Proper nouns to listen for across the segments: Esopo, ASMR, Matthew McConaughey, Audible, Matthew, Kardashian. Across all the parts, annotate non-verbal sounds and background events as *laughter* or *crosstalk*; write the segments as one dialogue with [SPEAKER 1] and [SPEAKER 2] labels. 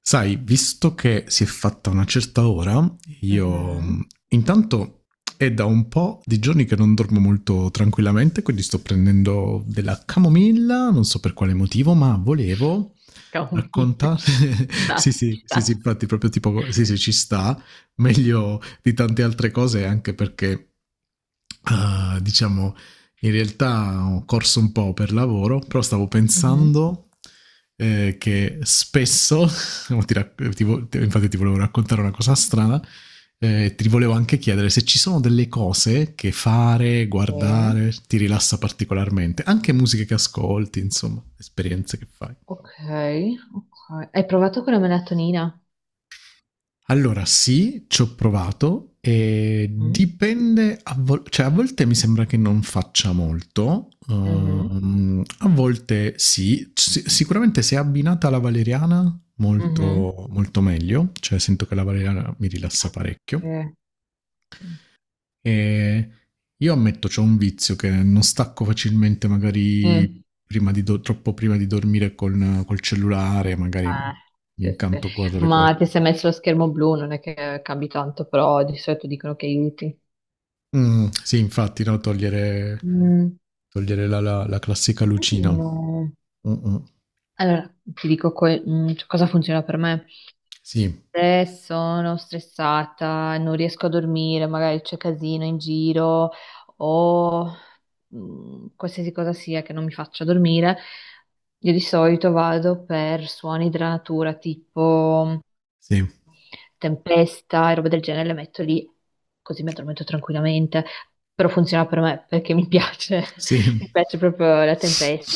[SPEAKER 1] Sai, visto che si è fatta una certa ora, io
[SPEAKER 2] Mhm.
[SPEAKER 1] intanto è da un po' di giorni che non dormo molto tranquillamente, quindi sto prendendo della camomilla, non so per quale motivo, ma volevo
[SPEAKER 2] Camomilla.
[SPEAKER 1] raccontare...
[SPEAKER 2] *laughs*
[SPEAKER 1] *laughs* sì,
[SPEAKER 2] Ci
[SPEAKER 1] sì, sì, sì,
[SPEAKER 2] sta.
[SPEAKER 1] infatti proprio tipo, sì, sì, ci sta, meglio di tante altre cose, anche perché, ah, diciamo, in realtà ho corso un po' per lavoro, però stavo
[SPEAKER 2] Mhm.
[SPEAKER 1] pensando che spesso. No, Ti rac- ti vo- ti- infatti ti volevo raccontare una cosa strana. Ti volevo anche chiedere se ci sono delle cose che fare,
[SPEAKER 2] Sì.
[SPEAKER 1] guardare, ti rilassa particolarmente, anche musiche che ascolti, insomma, esperienze che fai.
[SPEAKER 2] Ok, ok. Hai provato con la melatonina?
[SPEAKER 1] Allora, sì, ci ho provato e
[SPEAKER 2] Mm?
[SPEAKER 1] dipende, cioè, a volte mi sembra che non faccia molto,
[SPEAKER 2] Mhm.
[SPEAKER 1] a volte sì. Ci- sicuramente se è abbinata alla valeriana
[SPEAKER 2] Mhm.
[SPEAKER 1] molto, molto meglio, cioè sento che la valeriana mi rilassa
[SPEAKER 2] Sì,
[SPEAKER 1] parecchio.
[SPEAKER 2] sì.
[SPEAKER 1] E io ammetto, c'ho un vizio che non stacco facilmente magari
[SPEAKER 2] Mm.
[SPEAKER 1] prima di do troppo prima di dormire con col cellulare, magari
[SPEAKER 2] Ah,
[SPEAKER 1] mi
[SPEAKER 2] sì, sì.
[SPEAKER 1] incanto a guardare
[SPEAKER 2] Ma ti
[SPEAKER 1] qualco.
[SPEAKER 2] sei messo lo schermo blu, non è che cambi tanto, però di solito dicono che aiuti.
[SPEAKER 1] Mh, sì infatti, no, togliere
[SPEAKER 2] Mm.
[SPEAKER 1] togliere la classica lucina.
[SPEAKER 2] No.
[SPEAKER 1] Mh-mh.
[SPEAKER 2] Allora, ti dico cioè, cosa funziona per me.
[SPEAKER 1] Sì,
[SPEAKER 2] Sono stressata, non riesco a dormire, magari c'è casino in giro o qualsiasi cosa sia che non mi faccia dormire. Io di solito vado per suoni della natura, tipo
[SPEAKER 1] sì,
[SPEAKER 2] tempesta e roba del genere, le metto lì così mi addormento tranquillamente. Però funziona per me perché mi piace, *laughs* mi
[SPEAKER 1] sì.
[SPEAKER 2] piace proprio la tempesta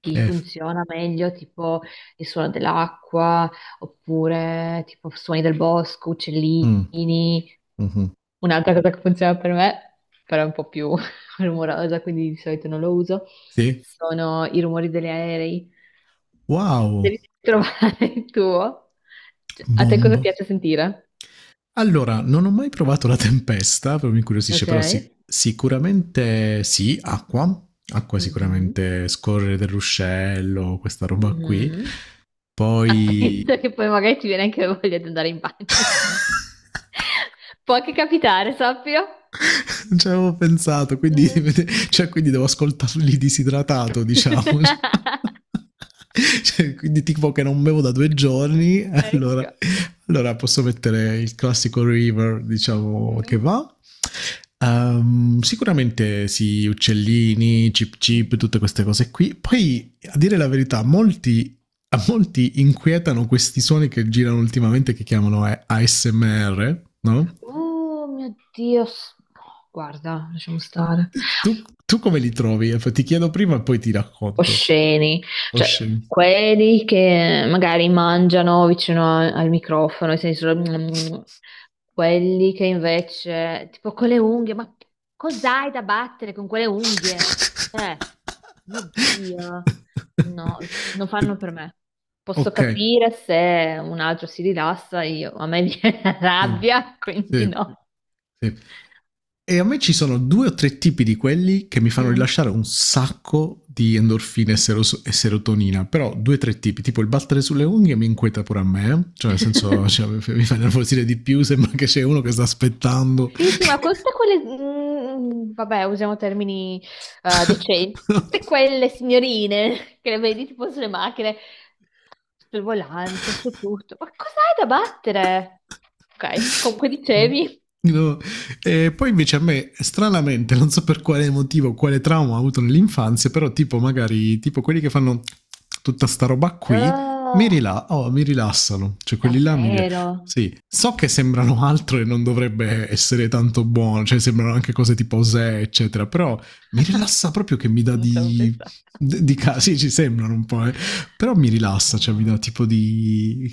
[SPEAKER 2] chi
[SPEAKER 1] F
[SPEAKER 2] funziona meglio, tipo il suono dell'acqua, oppure tipo suoni del bosco, uccellini.
[SPEAKER 1] mh, mh-mh.
[SPEAKER 2] Un'altra cosa che funziona per me, però è un po' più *laughs* rumorosa, quindi di solito non lo uso,
[SPEAKER 1] Sì.
[SPEAKER 2] sono i rumori degli aerei.
[SPEAKER 1] Wow!
[SPEAKER 2] Devi *laughs* trovare il tuo. Cioè, a te cosa
[SPEAKER 1] Bomba.
[SPEAKER 2] piace sentire?
[SPEAKER 1] Allora, non ho mai provato la tempesta, però mi incuriosisce,
[SPEAKER 2] Ok.
[SPEAKER 1] però sì- sicuramente sì, acqua, acqua
[SPEAKER 2] Mhm.
[SPEAKER 1] sicuramente, scorrere dell'uscello, questa roba qui.
[SPEAKER 2] Mhm.
[SPEAKER 1] Poi
[SPEAKER 2] Attento che poi magari ti viene anche voglia di andare in bagno. *laughs* Può anche capitare, sappio.
[SPEAKER 1] *laughs* non ci avevo pensato, quindi,
[SPEAKER 2] Mm.
[SPEAKER 1] *laughs* cioè, quindi devo ascoltarli disidratato, diciamo.
[SPEAKER 2] *laughs*
[SPEAKER 1] *laughs* Cioè, quindi tipo che non bevo da due giorni, allora,
[SPEAKER 2] Ecco.
[SPEAKER 1] allora posso mettere il classico river, diciamo, che
[SPEAKER 2] Mm.
[SPEAKER 1] va. Sicuramente sì, uccellini, chip chip, tutte
[SPEAKER 2] Mhm.
[SPEAKER 1] queste cose qui. Poi, a dire la verità, molti a molti inquietano questi suoni che girano ultimamente che chiamano ASMR, no?
[SPEAKER 2] Oh mio Dio, no, guarda, lasciamo stare.
[SPEAKER 1] Tu, tu come li trovi? Ti chiedo prima e poi ti racconto.
[SPEAKER 2] Osceni,
[SPEAKER 1] Oh,
[SPEAKER 2] cioè
[SPEAKER 1] scemo.
[SPEAKER 2] quelli che magari mangiano vicino al microfono, nel senso. Quelli che invece, tipo con le unghie, ma cos'hai da battere con quelle unghie? Eh, mio Dio, no, non fanno per me.
[SPEAKER 1] *laughs*
[SPEAKER 2] Posso
[SPEAKER 1] ok.
[SPEAKER 2] capire se un altro si rilassa, io, a me viene *laughs* la
[SPEAKER 1] Sì.
[SPEAKER 2] rabbia, quindi
[SPEAKER 1] Sì.
[SPEAKER 2] no.
[SPEAKER 1] Sì. E a me ci sono due o tre tipi di quelli che mi fanno
[SPEAKER 2] Mm.
[SPEAKER 1] rilasciare un sacco di endorfine e, seros- e serotonina, però due o tre tipi, tipo il battere sulle unghie mi inquieta pure a me, eh? Cioè nel senso cioè,
[SPEAKER 2] *laughs*
[SPEAKER 1] mi fa nervosire di più, sembra che c'è uno che sta aspettando.
[SPEAKER 2] Sì, sì, ma con tutte quelle, vabbè, usiamo termini decenti, tutte
[SPEAKER 1] *laughs*
[SPEAKER 2] quelle signorine *laughs* che le vedi tipo sulle macchine, sul volante, su tutto. Ma cos'hai da battere? Ok, comunque
[SPEAKER 1] Eh,
[SPEAKER 2] dicevi.
[SPEAKER 1] no. E poi invece a me, stranamente, non so per quale motivo, quale trauma ho avuto nell'infanzia, però tipo magari, tipo quelli che fanno tutta sta roba qui,
[SPEAKER 2] Oh,
[SPEAKER 1] oh, mi rilassano, cioè quelli là mi rilassano.
[SPEAKER 2] davvero?
[SPEAKER 1] Sì, so che sembrano *laughs* altro e non dovrebbe essere tanto buono, cioè sembrano anche cose tipo Zè, eccetera, però mi
[SPEAKER 2] *laughs*
[SPEAKER 1] rilassa proprio che mi dà
[SPEAKER 2] Non ci avevo
[SPEAKER 1] di...
[SPEAKER 2] pensato.
[SPEAKER 1] sì, ci sembrano un po', eh. Però mi rilassa, cioè mi dà
[SPEAKER 2] No,
[SPEAKER 1] tipo di...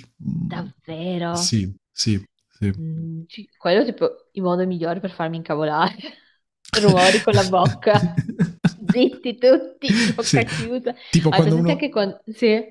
[SPEAKER 2] davvero?
[SPEAKER 1] Sì, sì, sì.
[SPEAKER 2] Mm, quello è tipo il modo migliore per farmi incavolare. *laughs* Rumori con la
[SPEAKER 1] *laughs*
[SPEAKER 2] bocca. Zitti tutti,
[SPEAKER 1] Sì,
[SPEAKER 2] bocca chiusa.
[SPEAKER 1] tipo
[SPEAKER 2] Hai presente anche con... Sì,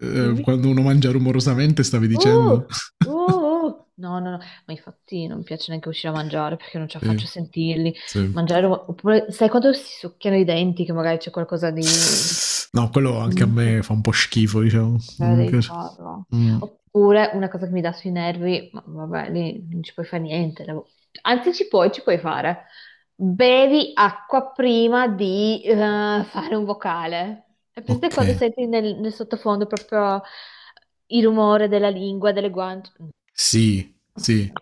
[SPEAKER 2] dimmi.
[SPEAKER 1] quando uno mangia rumorosamente stavi
[SPEAKER 2] Uh,
[SPEAKER 1] dicendo? *laughs*
[SPEAKER 2] No, no, no, ma infatti non mi piace neanche uscire a mangiare perché non ce la
[SPEAKER 1] Sì,
[SPEAKER 2] faccio a sentirli.
[SPEAKER 1] sì.
[SPEAKER 2] Mangiare, oppure sai quando si succhiano i denti che magari c'è qualcosa di...
[SPEAKER 1] No, quello anche a me fa un po' schifo, diciamo, non
[SPEAKER 2] Però
[SPEAKER 1] mi
[SPEAKER 2] devi
[SPEAKER 1] piace.
[SPEAKER 2] farlo.
[SPEAKER 1] Mh,
[SPEAKER 2] Oppure una cosa che mi dà sui nervi, ma vabbè, lì non ci puoi fare niente. Anzi, ci puoi fare. Bevi acqua prima di fare un vocale. È presente quando
[SPEAKER 1] okay.
[SPEAKER 2] senti nel sottofondo proprio il rumore della lingua, delle guance?
[SPEAKER 1] Sì,
[SPEAKER 2] No,
[SPEAKER 1] sì,
[SPEAKER 2] no,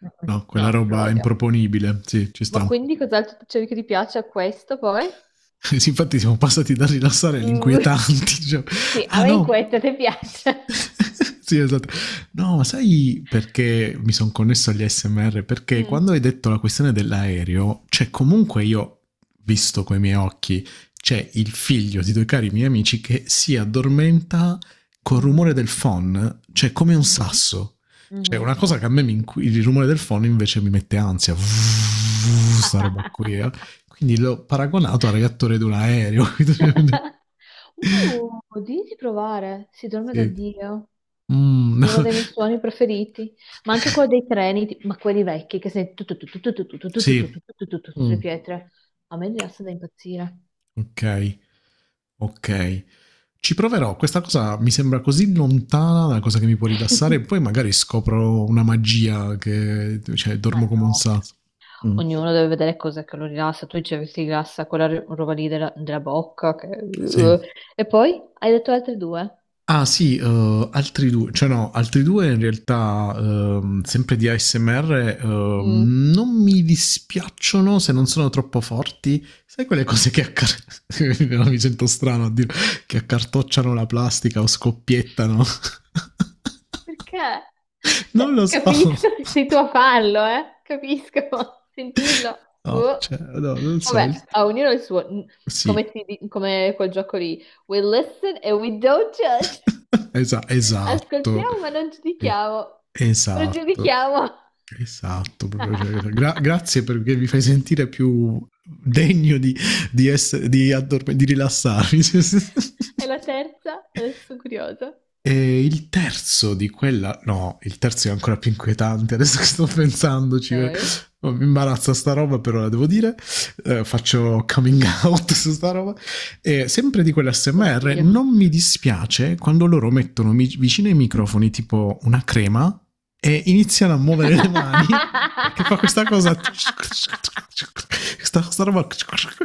[SPEAKER 2] no,
[SPEAKER 1] no, quella
[SPEAKER 2] no, lo
[SPEAKER 1] roba è
[SPEAKER 2] odio.
[SPEAKER 1] improponibile, sì, ci
[SPEAKER 2] Ma
[SPEAKER 1] sta.
[SPEAKER 2] quindi cos'altro cerchi che ti piace a questo poi?
[SPEAKER 1] *laughs* Infatti siamo passati da rilassare
[SPEAKER 2] Mm. *laughs*
[SPEAKER 1] all'inquietanti. *laughs* Cioè,
[SPEAKER 2] Sì, a
[SPEAKER 1] ah
[SPEAKER 2] me in
[SPEAKER 1] no.
[SPEAKER 2] questo ti piace.
[SPEAKER 1] *laughs* sì, esatto. No, ma sai perché mi sono connesso agli SMR? Perché
[SPEAKER 2] Mm.
[SPEAKER 1] quando hai detto la questione dell'aereo, cioè comunque io, visto coi miei occhi, c'è il figlio di due cari miei amici che si addormenta col rumore
[SPEAKER 2] Mhm,
[SPEAKER 1] del phon, cioè come un
[SPEAKER 2] mhm.
[SPEAKER 1] sasso. Cioè
[SPEAKER 2] Mhm.
[SPEAKER 1] una cosa che a me mi inqui- il rumore del phon invece mi mette ansia. Sta roba qui. Eh.
[SPEAKER 2] *laughs*
[SPEAKER 1] Quindi l'ho paragonato al reattore di un aereo.
[SPEAKER 2] Di provare, si
[SPEAKER 1] *laughs*
[SPEAKER 2] dorme da
[SPEAKER 1] sì.
[SPEAKER 2] Dio,
[SPEAKER 1] Mm, no.
[SPEAKER 2] è uno dei miei suoni preferiti, ma anche
[SPEAKER 1] *laughs*
[SPEAKER 2] quello dei treni, ma quelli vecchi che senti tutto tutto tutto tutto tutto tutto
[SPEAKER 1] Sì.
[SPEAKER 2] tutto tutto tutto, sulle
[SPEAKER 1] Mm,
[SPEAKER 2] pietre, a me rilassa da impazzire.
[SPEAKER 1] ok, ok. Ci proverò. Questa cosa mi sembra così lontana dalla cosa che mi può rilassare. E poi
[SPEAKER 2] *laughs*
[SPEAKER 1] magari scopro una magia che cioè,
[SPEAKER 2] Ma
[SPEAKER 1] dormo come un
[SPEAKER 2] no, cioè,
[SPEAKER 1] sasso. Mm.
[SPEAKER 2] ognuno deve vedere cos'è che lo rilassa, tu dicevi che ti rilassa quella roba lì della bocca, che-
[SPEAKER 1] Sì.
[SPEAKER 2] uh. E poi hai detto altre due.
[SPEAKER 1] Ah sì, altri due, cioè no, altri due in realtà sempre di ASMR
[SPEAKER 2] Mm.
[SPEAKER 1] non mi dispiacciono se non sono troppo forti. Sai quelle cose che, accar- *laughs* no, mi sento strano a dire, che accartocciano la plastica o scoppiettano?
[SPEAKER 2] Perché?
[SPEAKER 1] *laughs*
[SPEAKER 2] Cioè,
[SPEAKER 1] non lo so. *laughs*
[SPEAKER 2] capisco *laughs* che sei tu a farlo, eh? Capisco, *laughs* sentirlo.
[SPEAKER 1] No, cioè,
[SPEAKER 2] Oh.
[SPEAKER 1] no, non so
[SPEAKER 2] Vabbè,
[SPEAKER 1] il-
[SPEAKER 2] a ognuno il suo,
[SPEAKER 1] Sì,
[SPEAKER 2] come, come quel gioco lì. We listen and we don't judge. *laughs*
[SPEAKER 1] Esatto.
[SPEAKER 2] Ascoltiamo ma non
[SPEAKER 1] Es-
[SPEAKER 2] giudichiamo. Non
[SPEAKER 1] esatto.
[SPEAKER 2] giudichiamo.
[SPEAKER 1] Esatto, proprio, cioè, grazie
[SPEAKER 2] *laughs*
[SPEAKER 1] perché mi fai sentire più degno di, di, di rilassarmi.
[SPEAKER 2] E la
[SPEAKER 1] *laughs*
[SPEAKER 2] terza? Adesso sono curiosa.
[SPEAKER 1] E il terzo di quella, no, il terzo è ancora più inquietante. Adesso che sto pensandoci,
[SPEAKER 2] Ok.
[SPEAKER 1] oh, mi imbarazza sta roba, però la devo dire. Faccio coming out *laughs* su sta roba. E sempre di quell'SMR,
[SPEAKER 2] Oddio. *laughs*
[SPEAKER 1] non mi dispiace quando loro mettono vicino ai microfoni tipo una crema e iniziano a muovere le mani che fa questa cosa questa roba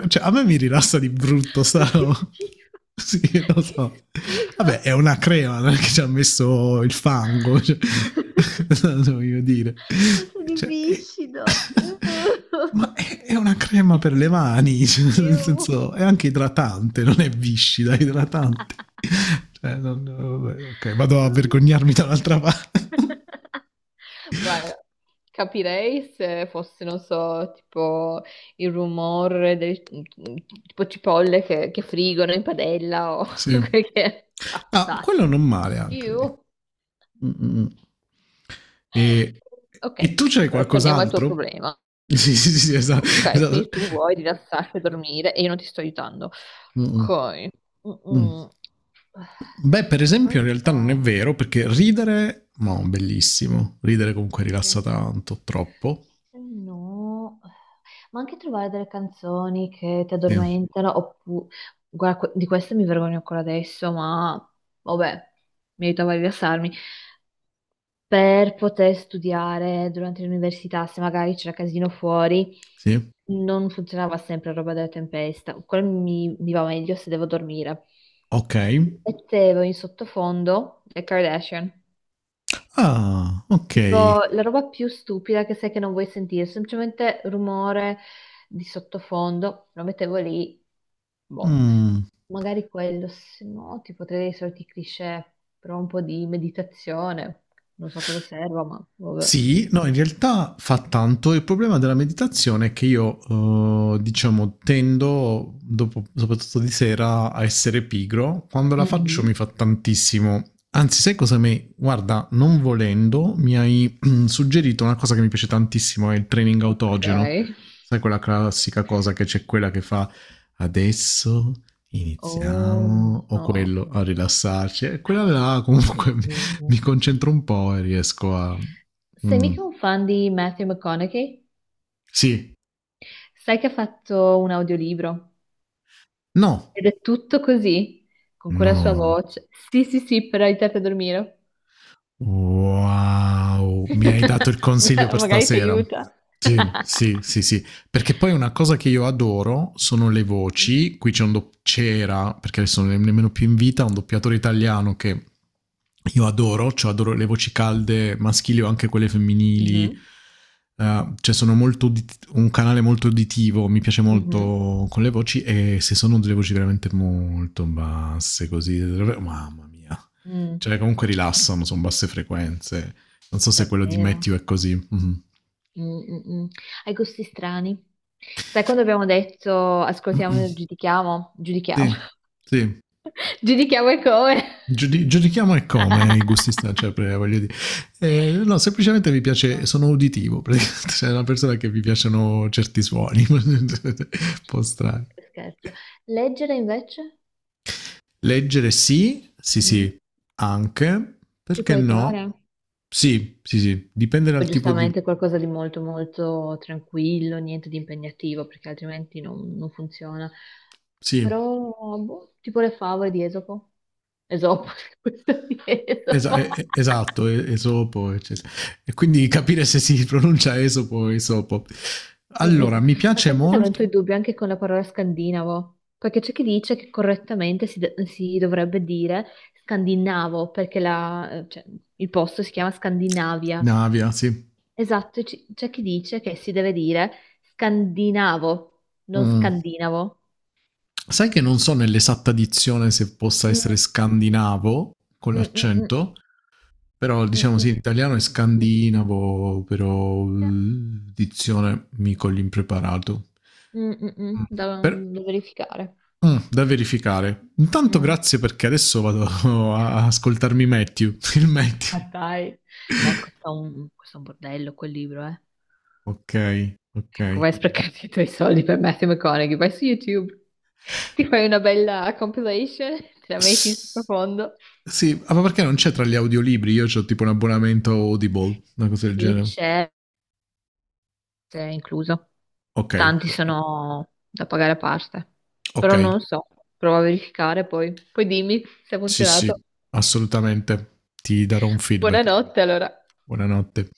[SPEAKER 1] cioè a me mi rilassa di brutto sta
[SPEAKER 2] Ma che
[SPEAKER 1] roba.
[SPEAKER 2] schifo.
[SPEAKER 1] *laughs* sì lo
[SPEAKER 2] Che
[SPEAKER 1] so.
[SPEAKER 2] schifo.
[SPEAKER 1] Vabbè è una crema non è che ci ha messo il fango cioè,
[SPEAKER 2] *laughs*
[SPEAKER 1] *laughs* non voglio dire
[SPEAKER 2] Ma sono
[SPEAKER 1] cioè, è...
[SPEAKER 2] viscido.
[SPEAKER 1] *laughs* Ma è una crema per le
[SPEAKER 2] Schifo.
[SPEAKER 1] mani, *laughs* cioè, nel
[SPEAKER 2] Ew.
[SPEAKER 1] senso, è anche idratante, non è viscida, è idratante. Cioè, non- vabbè, ok, vado a
[SPEAKER 2] Oh mio Dio.
[SPEAKER 1] vergognarmi dall'altra parte. *laughs*
[SPEAKER 2] *laughs* Guarda, capirei se fosse, non so, tipo il rumore del tipo cipolle che frigono in padella o *laughs*
[SPEAKER 1] sì.
[SPEAKER 2] quel che... è. Però,
[SPEAKER 1] Ah, quello
[SPEAKER 2] dai.
[SPEAKER 1] non male anche, vedi.
[SPEAKER 2] Ew.
[SPEAKER 1] Mm, mm, mm. E, e
[SPEAKER 2] Ok,
[SPEAKER 1] tu c'hai
[SPEAKER 2] però torniamo al tuo
[SPEAKER 1] qualcos'altro? *laughs*
[SPEAKER 2] problema.
[SPEAKER 1] Sì, sì, sì, sì, esatto.
[SPEAKER 2] Ok,
[SPEAKER 1] Esatto.
[SPEAKER 2] quindi tu vuoi rilassarti e dormire e io non ti sto aiutando.
[SPEAKER 1] Mm, mm,
[SPEAKER 2] Ok.
[SPEAKER 1] mm.
[SPEAKER 2] Mm-mm.
[SPEAKER 1] Beh, per
[SPEAKER 2] Non
[SPEAKER 1] esempio, in realtà non è
[SPEAKER 2] so.
[SPEAKER 1] vero, perché ridere, no, bellissimo. Ridere comunque rilassa
[SPEAKER 2] Dice,
[SPEAKER 1] tanto, troppo.
[SPEAKER 2] se no... Ma anche trovare delle canzoni che ti
[SPEAKER 1] Sì,
[SPEAKER 2] addormentano, oppure... Guarda, di queste mi vergogno ancora adesso, ma vabbè, mi aiutava a rilassarmi. Per poter studiare durante l'università, se magari c'era casino fuori,
[SPEAKER 1] sì.
[SPEAKER 2] non funzionava sempre la roba della tempesta. Quello mi va meglio se devo dormire.
[SPEAKER 1] Okay.
[SPEAKER 2] Mettevo in sottofondo le Kardashian.
[SPEAKER 1] Ah, okay.
[SPEAKER 2] Tipo la roba più stupida che sai che non vuoi sentire, semplicemente rumore di sottofondo, lo mettevo lì, boh.
[SPEAKER 1] Mh.
[SPEAKER 2] Magari quello, se no, tipo tra i soliti cliché, però un po' di meditazione, non so cosa serva, ma vabbè.
[SPEAKER 1] Sì, no, in realtà fa tanto. Il problema della meditazione è che io, diciamo, tendo, dopo- soprattutto di sera, a essere pigro. Quando la faccio
[SPEAKER 2] Mhm.
[SPEAKER 1] mi fa tantissimo. Anzi, sai cosa mi... Guarda, non volendo, mi hai *clears throat* suggerito una cosa che mi piace tantissimo, è il training
[SPEAKER 2] Ok.
[SPEAKER 1] autogeno. Sai quella classica cosa che c'è quella che fa adesso
[SPEAKER 2] Oh
[SPEAKER 1] iniziamo o
[SPEAKER 2] no.
[SPEAKER 1] quello a rilassarci. E quella là comunque *laughs*
[SPEAKER 2] Mm.
[SPEAKER 1] mi concentro un po' e riesco a
[SPEAKER 2] Sei
[SPEAKER 1] mh.
[SPEAKER 2] mica un fan di Matthew McConaughey?
[SPEAKER 1] Sì.
[SPEAKER 2] Sai che ha fatto un audiolibro
[SPEAKER 1] No.
[SPEAKER 2] ed è tutto così, con quella sua
[SPEAKER 1] No.
[SPEAKER 2] voce. Sì, sì, sì, per aiutarti a dormire.
[SPEAKER 1] Wow, mi hai dato il consiglio
[SPEAKER 2] *laughs*
[SPEAKER 1] per
[SPEAKER 2] Magari ti
[SPEAKER 1] stasera.
[SPEAKER 2] aiuta.
[SPEAKER 1] Sì,
[SPEAKER 2] *laughs*
[SPEAKER 1] sì, sì, sì. Perché poi una cosa che io adoro sono le voci. Qui c'è un do- c'era, perché adesso non è nemmeno più in vita, un doppiatore italiano che io adoro, cioè adoro le voci calde maschili o anche quelle femminili.
[SPEAKER 2] Mhm,
[SPEAKER 1] Cioè sono molto udit- un canale molto uditivo, mi piace
[SPEAKER 2] mhm,
[SPEAKER 1] molto con le voci e se sono delle voci veramente molto basse così, mamma mia.
[SPEAKER 2] mm,
[SPEAKER 1] Cioè, comunque rilassano, sono basse frequenze. Non so se quello di
[SPEAKER 2] davvero.
[SPEAKER 1] Matthew è così. Mhm.
[SPEAKER 2] Mm, mm, mm. Hai gusti strani. Sai quando abbiamo detto ascoltiamo e giudichiamo? Giudichiamo.
[SPEAKER 1] Sì, sì.
[SPEAKER 2] *laughs* Giudichiamo e come.
[SPEAKER 1] Giudichiamo e come i
[SPEAKER 2] *laughs*
[SPEAKER 1] gusti stanno, cioè, voglio dire. No, semplicemente mi piace,
[SPEAKER 2] No,
[SPEAKER 1] sono uditivo, praticamente. *laughs* Cioè, una persona che mi piacciono certi suoni, *laughs* un po' strani.
[SPEAKER 2] scherzo. Leggere invece?
[SPEAKER 1] Leggere sì, sì,
[SPEAKER 2] Mm,
[SPEAKER 1] sì, anche,
[SPEAKER 2] ti
[SPEAKER 1] perché
[SPEAKER 2] può
[SPEAKER 1] no?
[SPEAKER 2] aiutare?
[SPEAKER 1] Sì, sì, sì, dipende
[SPEAKER 2] O
[SPEAKER 1] dal tipo di...
[SPEAKER 2] giustamente qualcosa di molto molto tranquillo, niente di impegnativo, perché altrimenti non funziona.
[SPEAKER 1] Sì,
[SPEAKER 2] Però, boh, tipo le favole di Esopo. Esopo, *laughs* questo di Esopo.
[SPEAKER 1] Esatto, e- Esopo, eccetera. E quindi capire se si pronuncia Esopo o Esopo. Allora,
[SPEAKER 2] Mm-mm.
[SPEAKER 1] mi
[SPEAKER 2] Ma
[SPEAKER 1] piace
[SPEAKER 2] sai che mi
[SPEAKER 1] molto
[SPEAKER 2] avrei i dubbi anche con la parola scandinavo? Perché c'è chi dice che correttamente si dovrebbe dire scandinavo, perché cioè, il posto si chiama Scandinavia.
[SPEAKER 1] Navia, sì.
[SPEAKER 2] Esatto, e c'è chi dice che si deve dire scandinavo, non
[SPEAKER 1] Mm.
[SPEAKER 2] scandinavo.
[SPEAKER 1] Sai che non so nell'esatta dizione se possa essere
[SPEAKER 2] Mm,
[SPEAKER 1] scandinavo con
[SPEAKER 2] mm, mm, mm,
[SPEAKER 1] l'accento, però
[SPEAKER 2] mm,
[SPEAKER 1] diciamo
[SPEAKER 2] mm.
[SPEAKER 1] sì, in italiano è scandinavo, però dizione mico l'impreparato.
[SPEAKER 2] Mm, mm, mm.
[SPEAKER 1] Mm.
[SPEAKER 2] Da,
[SPEAKER 1] Per-
[SPEAKER 2] da verificare.
[SPEAKER 1] da verificare. Intanto
[SPEAKER 2] Mm.
[SPEAKER 1] grazie perché adesso vado *laughs* a ascoltarmi Matthew, il Matthew.
[SPEAKER 2] Ma dai, ma ecco, questo è un bordello quel libro, eh.
[SPEAKER 1] Ok, ok.
[SPEAKER 2] Come hai sprecato i tuoi soldi per Matthew McConaughey, vai su YouTube, ti fai una bella compilation, te la metti in
[SPEAKER 1] S-
[SPEAKER 2] profondo.
[SPEAKER 1] sì, ah, ma perché non c'è tra gli audiolibri? Io ho tipo un abbonamento Audible, una cosa del
[SPEAKER 2] Sì,
[SPEAKER 1] genere.
[SPEAKER 2] c'è incluso.
[SPEAKER 1] Ok,
[SPEAKER 2] Tanti
[SPEAKER 1] p-
[SPEAKER 2] sono da pagare a parte,
[SPEAKER 1] ok.
[SPEAKER 2] però non so, provo a verificare poi. Poi dimmi se ha
[SPEAKER 1] Sì, sì,
[SPEAKER 2] funzionato.
[SPEAKER 1] assolutamente. Ti darò un feedback.
[SPEAKER 2] Buonanotte allora.
[SPEAKER 1] Buonanotte.